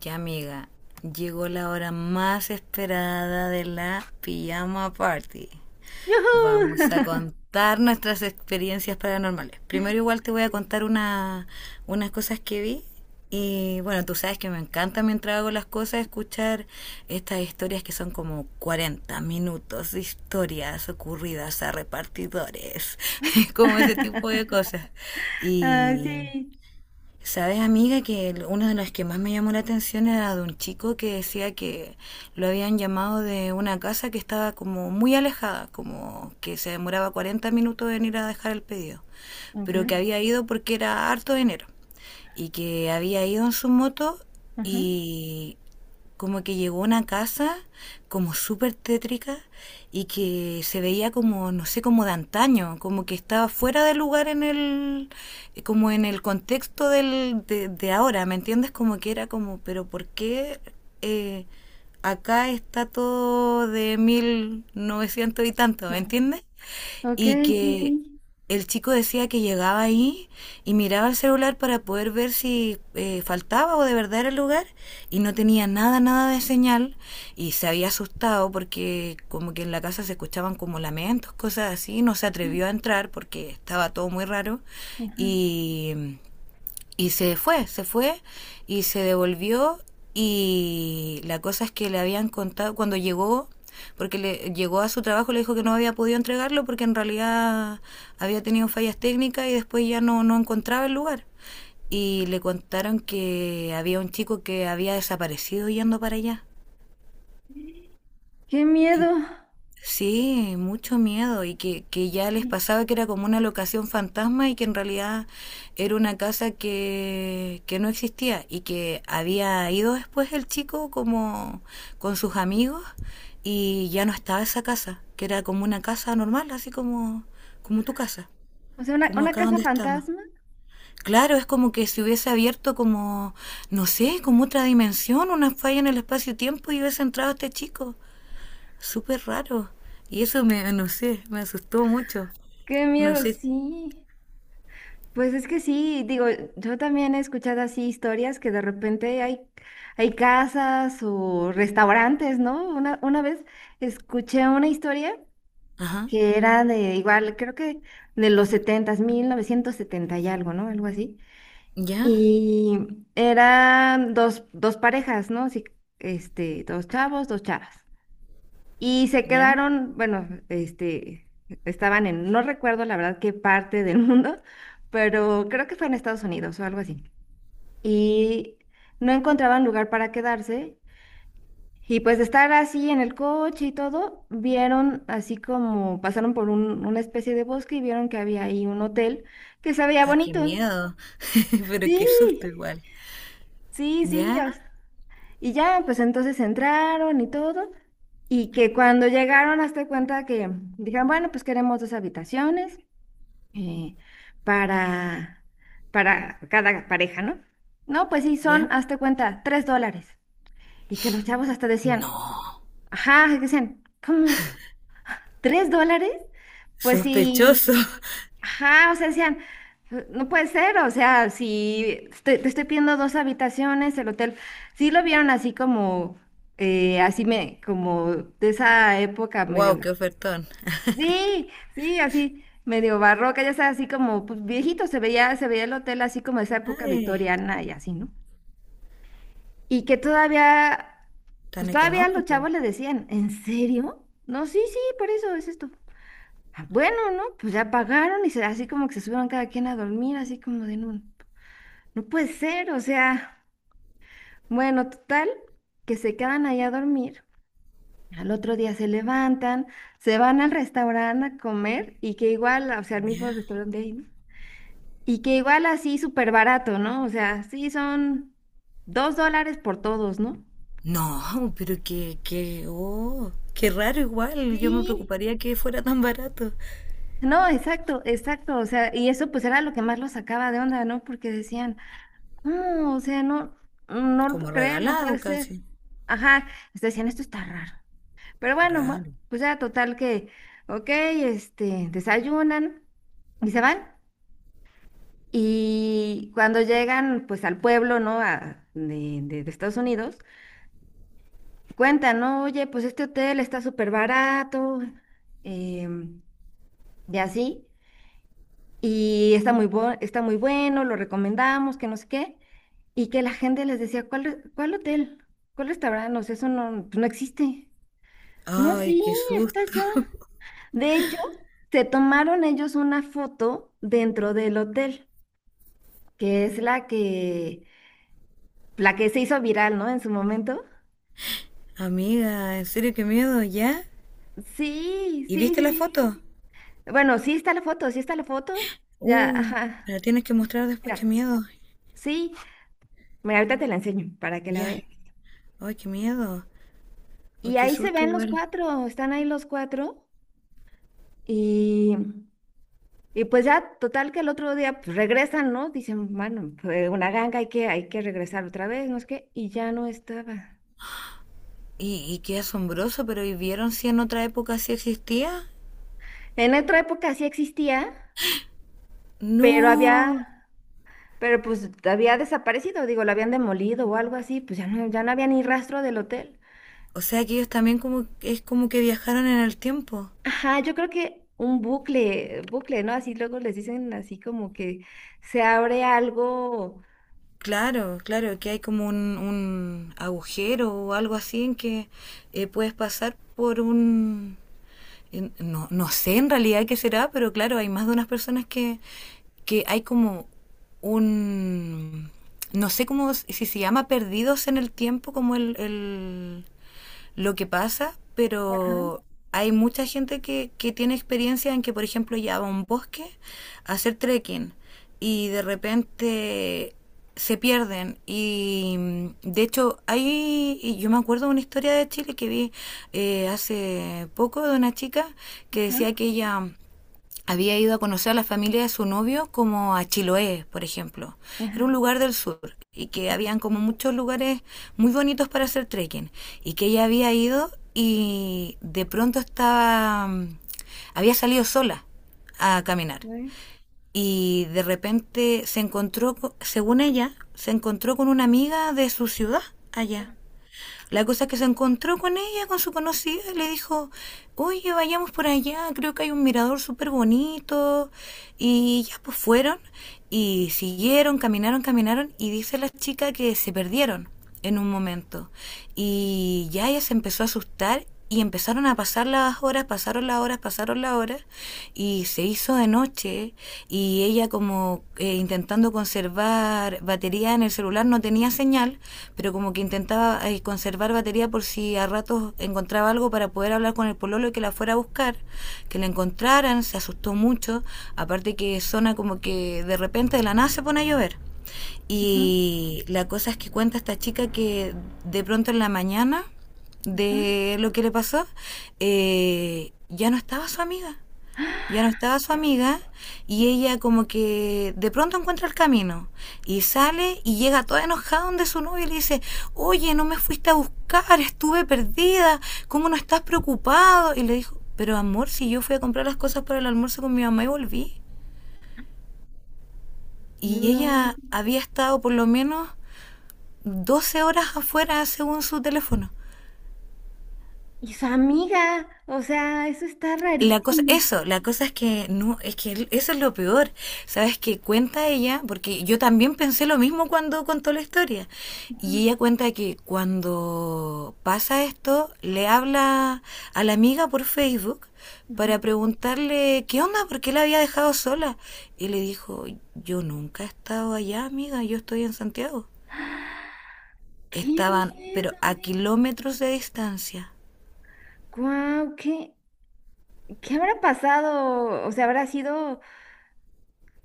Ya amiga, llegó la hora más esperada de la pijama party. Vamos a ¡Yujú! contar nuestras experiencias paranormales. Primero igual te voy a Sí. contar una, unas cosas que vi. Y bueno, tú sabes que me encanta mientras hago las cosas escuchar estas historias que son como 40 minutos de historias ocurridas a repartidores, como ese tipo de cosas. Ah, Y sí. Sabes, amiga, que uno de los que más me llamó la atención era de un chico que decía que lo habían llamado de una casa que estaba como muy alejada, como que se demoraba 40 minutos en ir a dejar el pedido, Ok. pero que había ido porque era harto de enero y que había ido en su moto Ajá. y como que llegó a una casa como súper tétrica y que se veía como, no sé, como de antaño, como que estaba fuera de lugar en el, como en el contexto de ahora, ¿me entiendes? Como que era como, pero ¿por qué eh, acá está todo de 1900 y tanto, ¿me Ajá. entiendes? Ok, Y sí, que sí. el chico decía que llegaba ahí y miraba el celular para poder ver si faltaba o de verdad era el lugar y no tenía nada, nada de señal y se había asustado porque como que en la casa se escuchaban como lamentos, cosas así, no se atrevió a entrar porque estaba todo muy raro Ajá. y y se fue y se devolvió. Y la cosa es que le habían contado cuando llegó, porque le llegó a su trabajo, le dijo que no había podido entregarlo porque en realidad había tenido fallas técnicas y después ya no, no encontraba el lugar. Y le contaron que había un chico que había desaparecido yendo para allá Qué y miedo. sí, mucho miedo y que ya les Sí. pasaba que era como una locación fantasma y que en realidad era una casa que no existía y que había ido después el chico como con sus amigos y ya no estaba esa casa, que era como una casa normal, así como, como tu casa, O sea, una, como una acá casa donde estamos. fantasma. Claro, es como que se hubiese abierto como, no sé, como otra dimensión, una falla en el espacio-tiempo y hubiese entrado este chico súper raro. Y eso me, no sé, me asustó mucho. Qué No miedo, sé. sí. Pues es que sí, digo, yo también he escuchado así historias que de repente hay casas o restaurantes, ¿no? Una vez escuché una historia Ajá. que era de igual, creo que de los setentas 1970 y algo, ¿no? Algo así. ¿Ya? Y eran dos parejas, ¿no? Sí, este, dos chavos, dos chavas. Y se ¿Ya? quedaron, bueno, este, estaban en, no recuerdo la verdad qué parte del mundo, pero creo que fue en Estados Unidos o algo así. Y no encontraban lugar para quedarse y pues de estar así en el coche y todo, vieron así como pasaron por un- una especie de bosque y vieron que había ahí un hotel que se veía Ah, qué bonito. miedo. Pero qué susto Sí, igual. sí, sí. ¿Ya? Y ya, pues entonces entraron y todo. Y que cuando llegaron, hasta cuenta que dijeron, bueno, pues queremos dos habitaciones eh, para, para cada pareja, ¿no? No, pues sí, son, ¿Ya? hasta cuenta, $3. Y que los chavos hasta decían, No. ajá, decían, ¿cómo? ¿$3? Pues Sospechoso. sí. Ajá, o sea, decían, no puede ser, o sea, si te estoy pidiendo dos habitaciones, el hotel. Sí lo vieron así como, así me, como de esa época Wow, medio. qué ofertón. Sí, sí, así medio barroca, ya sabes, así como pues, viejito, se veía el hotel así como de esa época Ay, victoriana y así, ¿no? Y que todavía, tan pues todavía los económico. chavos le decían, ¿en serio? No, sí, sí, por eso es esto. Ah, bueno, ¿no? Pues ya pagaron y así como que se subieron cada quien a dormir, así como de no, no puede ser, o sea, bueno, total, que se quedan ahí a dormir. Al otro día se levantan, se van al restaurante a comer y que igual, o sea, al ¿Ya? mismo restaurante de ahí, ¿no? Y que igual así súper barato, ¿no? O sea, sí son $2 por todos, ¿no? No, pero qué, qué, oh, qué raro igual. Yo me Sí. preocuparía que fuera tan barato. No, exacto, exacto, o sea, y eso pues era lo que más los sacaba de onda, ¿no? Porque decían... No, o sea, no, no lo puedo Como creer, no puede regalado ser. casi. Ajá, hasta decían, esto está raro. Pero bueno, Raro. pues ya total que, ok, este, desayunan y se van. Y cuando llegan, pues al pueblo, ¿no? De Estados Unidos, cuentan, ¿no? Oye, pues este hotel está súper barato, em, y así, y está muy, está muy bueno, lo recomendamos, que no sé qué, y que la gente les decía, ¿cuál, cuál hotel? ¿Cuál restaurante? O sea, eso no, pues no existe. No, Ay, sí, qué está susto. ya. De hecho, se tomaron ellos una foto dentro del hotel, que es la que se hizo viral, ¿no? En su momento. Amiga, en serio, qué miedo, ¿ya? Sí, ¿Y sí, viste sí, la sí. foto? Bueno, sí está la foto, sí está la foto. Ya, Uh, me la ajá. tienes que mostrar después, qué Mira, miedo. sí, mira, ahorita te la enseño para que la Ya. veas. Ay, qué miedo. Ay, Y qué ahí se susto ven los igual. cuatro, están ahí los cuatro. Y, y pues ya, total que el otro día pues, regresan, ¿no? Dicen, bueno, fue una ganga, hay que regresar otra vez, no es que, y ya no estaba. Y qué asombroso, pero ¿y vieron si en otra época sí existía? En otra época sí existía, pero había, No. pero pues había desaparecido, digo, lo habían demolido o algo así, pues ya no, ya no había ni rastro del hotel. O sea que ellos también como, es como que viajaron en el tiempo. Ajá, yo creo que un bucle, bucle, ¿no? Así luego les dicen así como que se abre algo. Claro, claro, que hay como un agujero o algo así en que puedes pasar por un, no, no sé en realidad qué será, pero claro, hay más de unas personas que hay como un no sé cómo si se llama perdidos en el tiempo como el lo que pasa, Ajá, pero hay mucha gente que tiene experiencia en que, por ejemplo, ya va a un bosque a hacer trekking y de repente se pierden y de hecho hay y yo me acuerdo de una historia de Chile que vi hace poco de una chica que ajá, decía que ella había ido a conocer a la familia de su novio como a Chiloé, por ejemplo. Era un ajá. lugar del sur y que Ok. habían como muchos lugares muy bonitos para hacer trekking y que ella había ido y de pronto estaba había salido sola a caminar Güey. y de repente se encontró, según ella, se encontró con una amiga de su ciudad allá. Ajá, La cosa es que se encontró con ella, con su conocida, y le dijo, oye, vayamos por allá, creo que hay un mirador súper bonito. Y ya pues fueron y siguieron, caminaron, caminaron y dice la chica que se perdieron en un momento. Y ya ella se empezó a asustar y empezaron a pasar las horas, pasaron las horas, pasaron las horas, y se hizo de noche, y ella como intentando conservar batería en el celular, no tenía señal, pero como que intentaba conservar batería por si a ratos encontraba algo para poder hablar con el pololo y que la fuera a buscar, que la encontraran, se asustó mucho, aparte que zona como que de repente de la nada se pone a llover. ajá. Y la cosa es que cuenta esta chica que de pronto en la mañana Ajá. de lo que le pasó, ya no estaba su amiga. Ya no estaba su amiga y ella como que de pronto encuentra el camino y sale y llega toda enojada donde su novio y le dice, oye, no me fuiste a buscar, estuve perdida, ¿cómo no estás preocupado? Y le dijo, pero amor, si yo fui a comprar las cosas para el almuerzo con mi mamá y volví. Y No. ella había estado por lo menos 12 horas afuera según su teléfono. Y su amiga, o sea, eso está La cosa, rarísimo. eso, la cosa es que no, es que eso es lo peor. Sabes que cuenta ella, porque yo también pensé lo mismo cuando contó la historia. Ajá, Y ella cuenta que cuando pasa esto, le habla a la amiga por Facebook ajá. para preguntarle qué onda, por qué la había dejado sola. Y le dijo, yo nunca he estado allá, amiga, yo estoy en Santiago. ¡Qué Estaban, pero a miedo! kilómetros de distancia. ¡Guau! ¿Qué, qué habrá pasado? O sea, habrá sido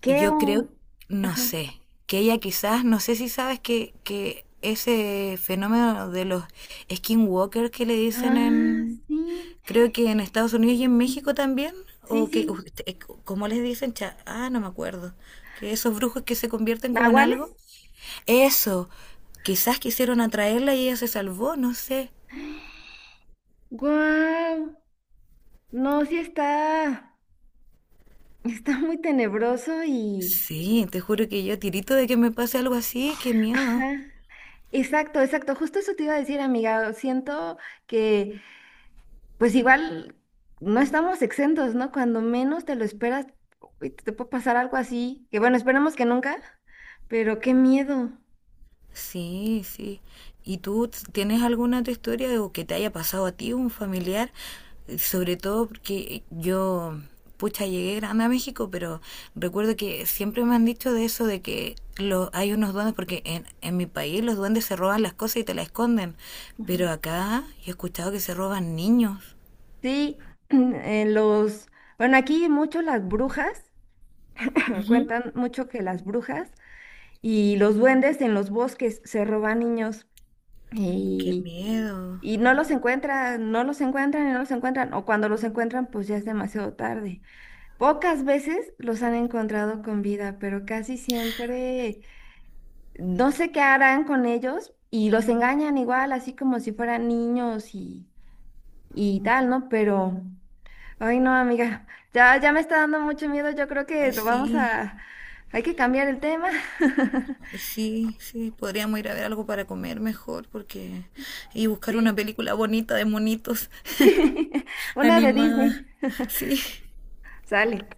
que Yo creo, un. no Ajá. sé, que ella quizás, no sé si sabes que ese fenómeno de los skinwalkers que le dicen Ah, en, sí. creo que en Estados Unidos y Sí, en México también, sí, o que, sí. ¿Cómo les dicen? Ah, no me acuerdo. Que esos brujos que se convierten como en ¿Nahuales? algo. Eso, quizás quisieron atraerla y ella se salvó, no sé. ¡Guau! No, sí está. Está muy tenebroso y. Sí, te juro que yo tirito de que me pase algo así, qué Ajá. miedo. Exacto, exacto. Justo eso te iba a decir, amiga. Siento que, pues igual, no estamos exentos, ¿no? Cuando menos te lo esperas, uy, te puede pasar algo así, que bueno, esperemos que nunca, pero qué miedo. Sí, sí. ¿Y tú tienes alguna otra historia o que te haya pasado a ti, un familiar? Sobre todo porque yo, pucha, llegué grande a México, pero recuerdo que siempre me han dicho de eso, de que lo, hay unos duendes, porque en mi país los duendes se roban las cosas y te las esconden, Ujú. pero acá yo he escuchado que se roban niños. Sí, los, bueno, aquí mucho las brujas, Ujú. cuentan mucho que las brujas y los duendes en los bosques se roban niños. Qué Y miedo. Y no los encuentran, no los encuentran y no los encuentran, o cuando los encuentran, pues ya es demasiado tarde. Pocas veces los han encontrado con vida, pero casi siempre no sé qué harán con ellos y los engañan igual, así como si fueran niños y tal, ¿no? Pero, ay no, amiga, ya, ya me está dando mucho miedo, yo creo que Ay, lo vamos sí. a, hay que cambiar el tema. Y sí, sí, podríamos ir a ver algo para comer mejor, porque... Y buscar una Sí, película bonita de monitos sí, una de Disney. animada. Sí. Sale.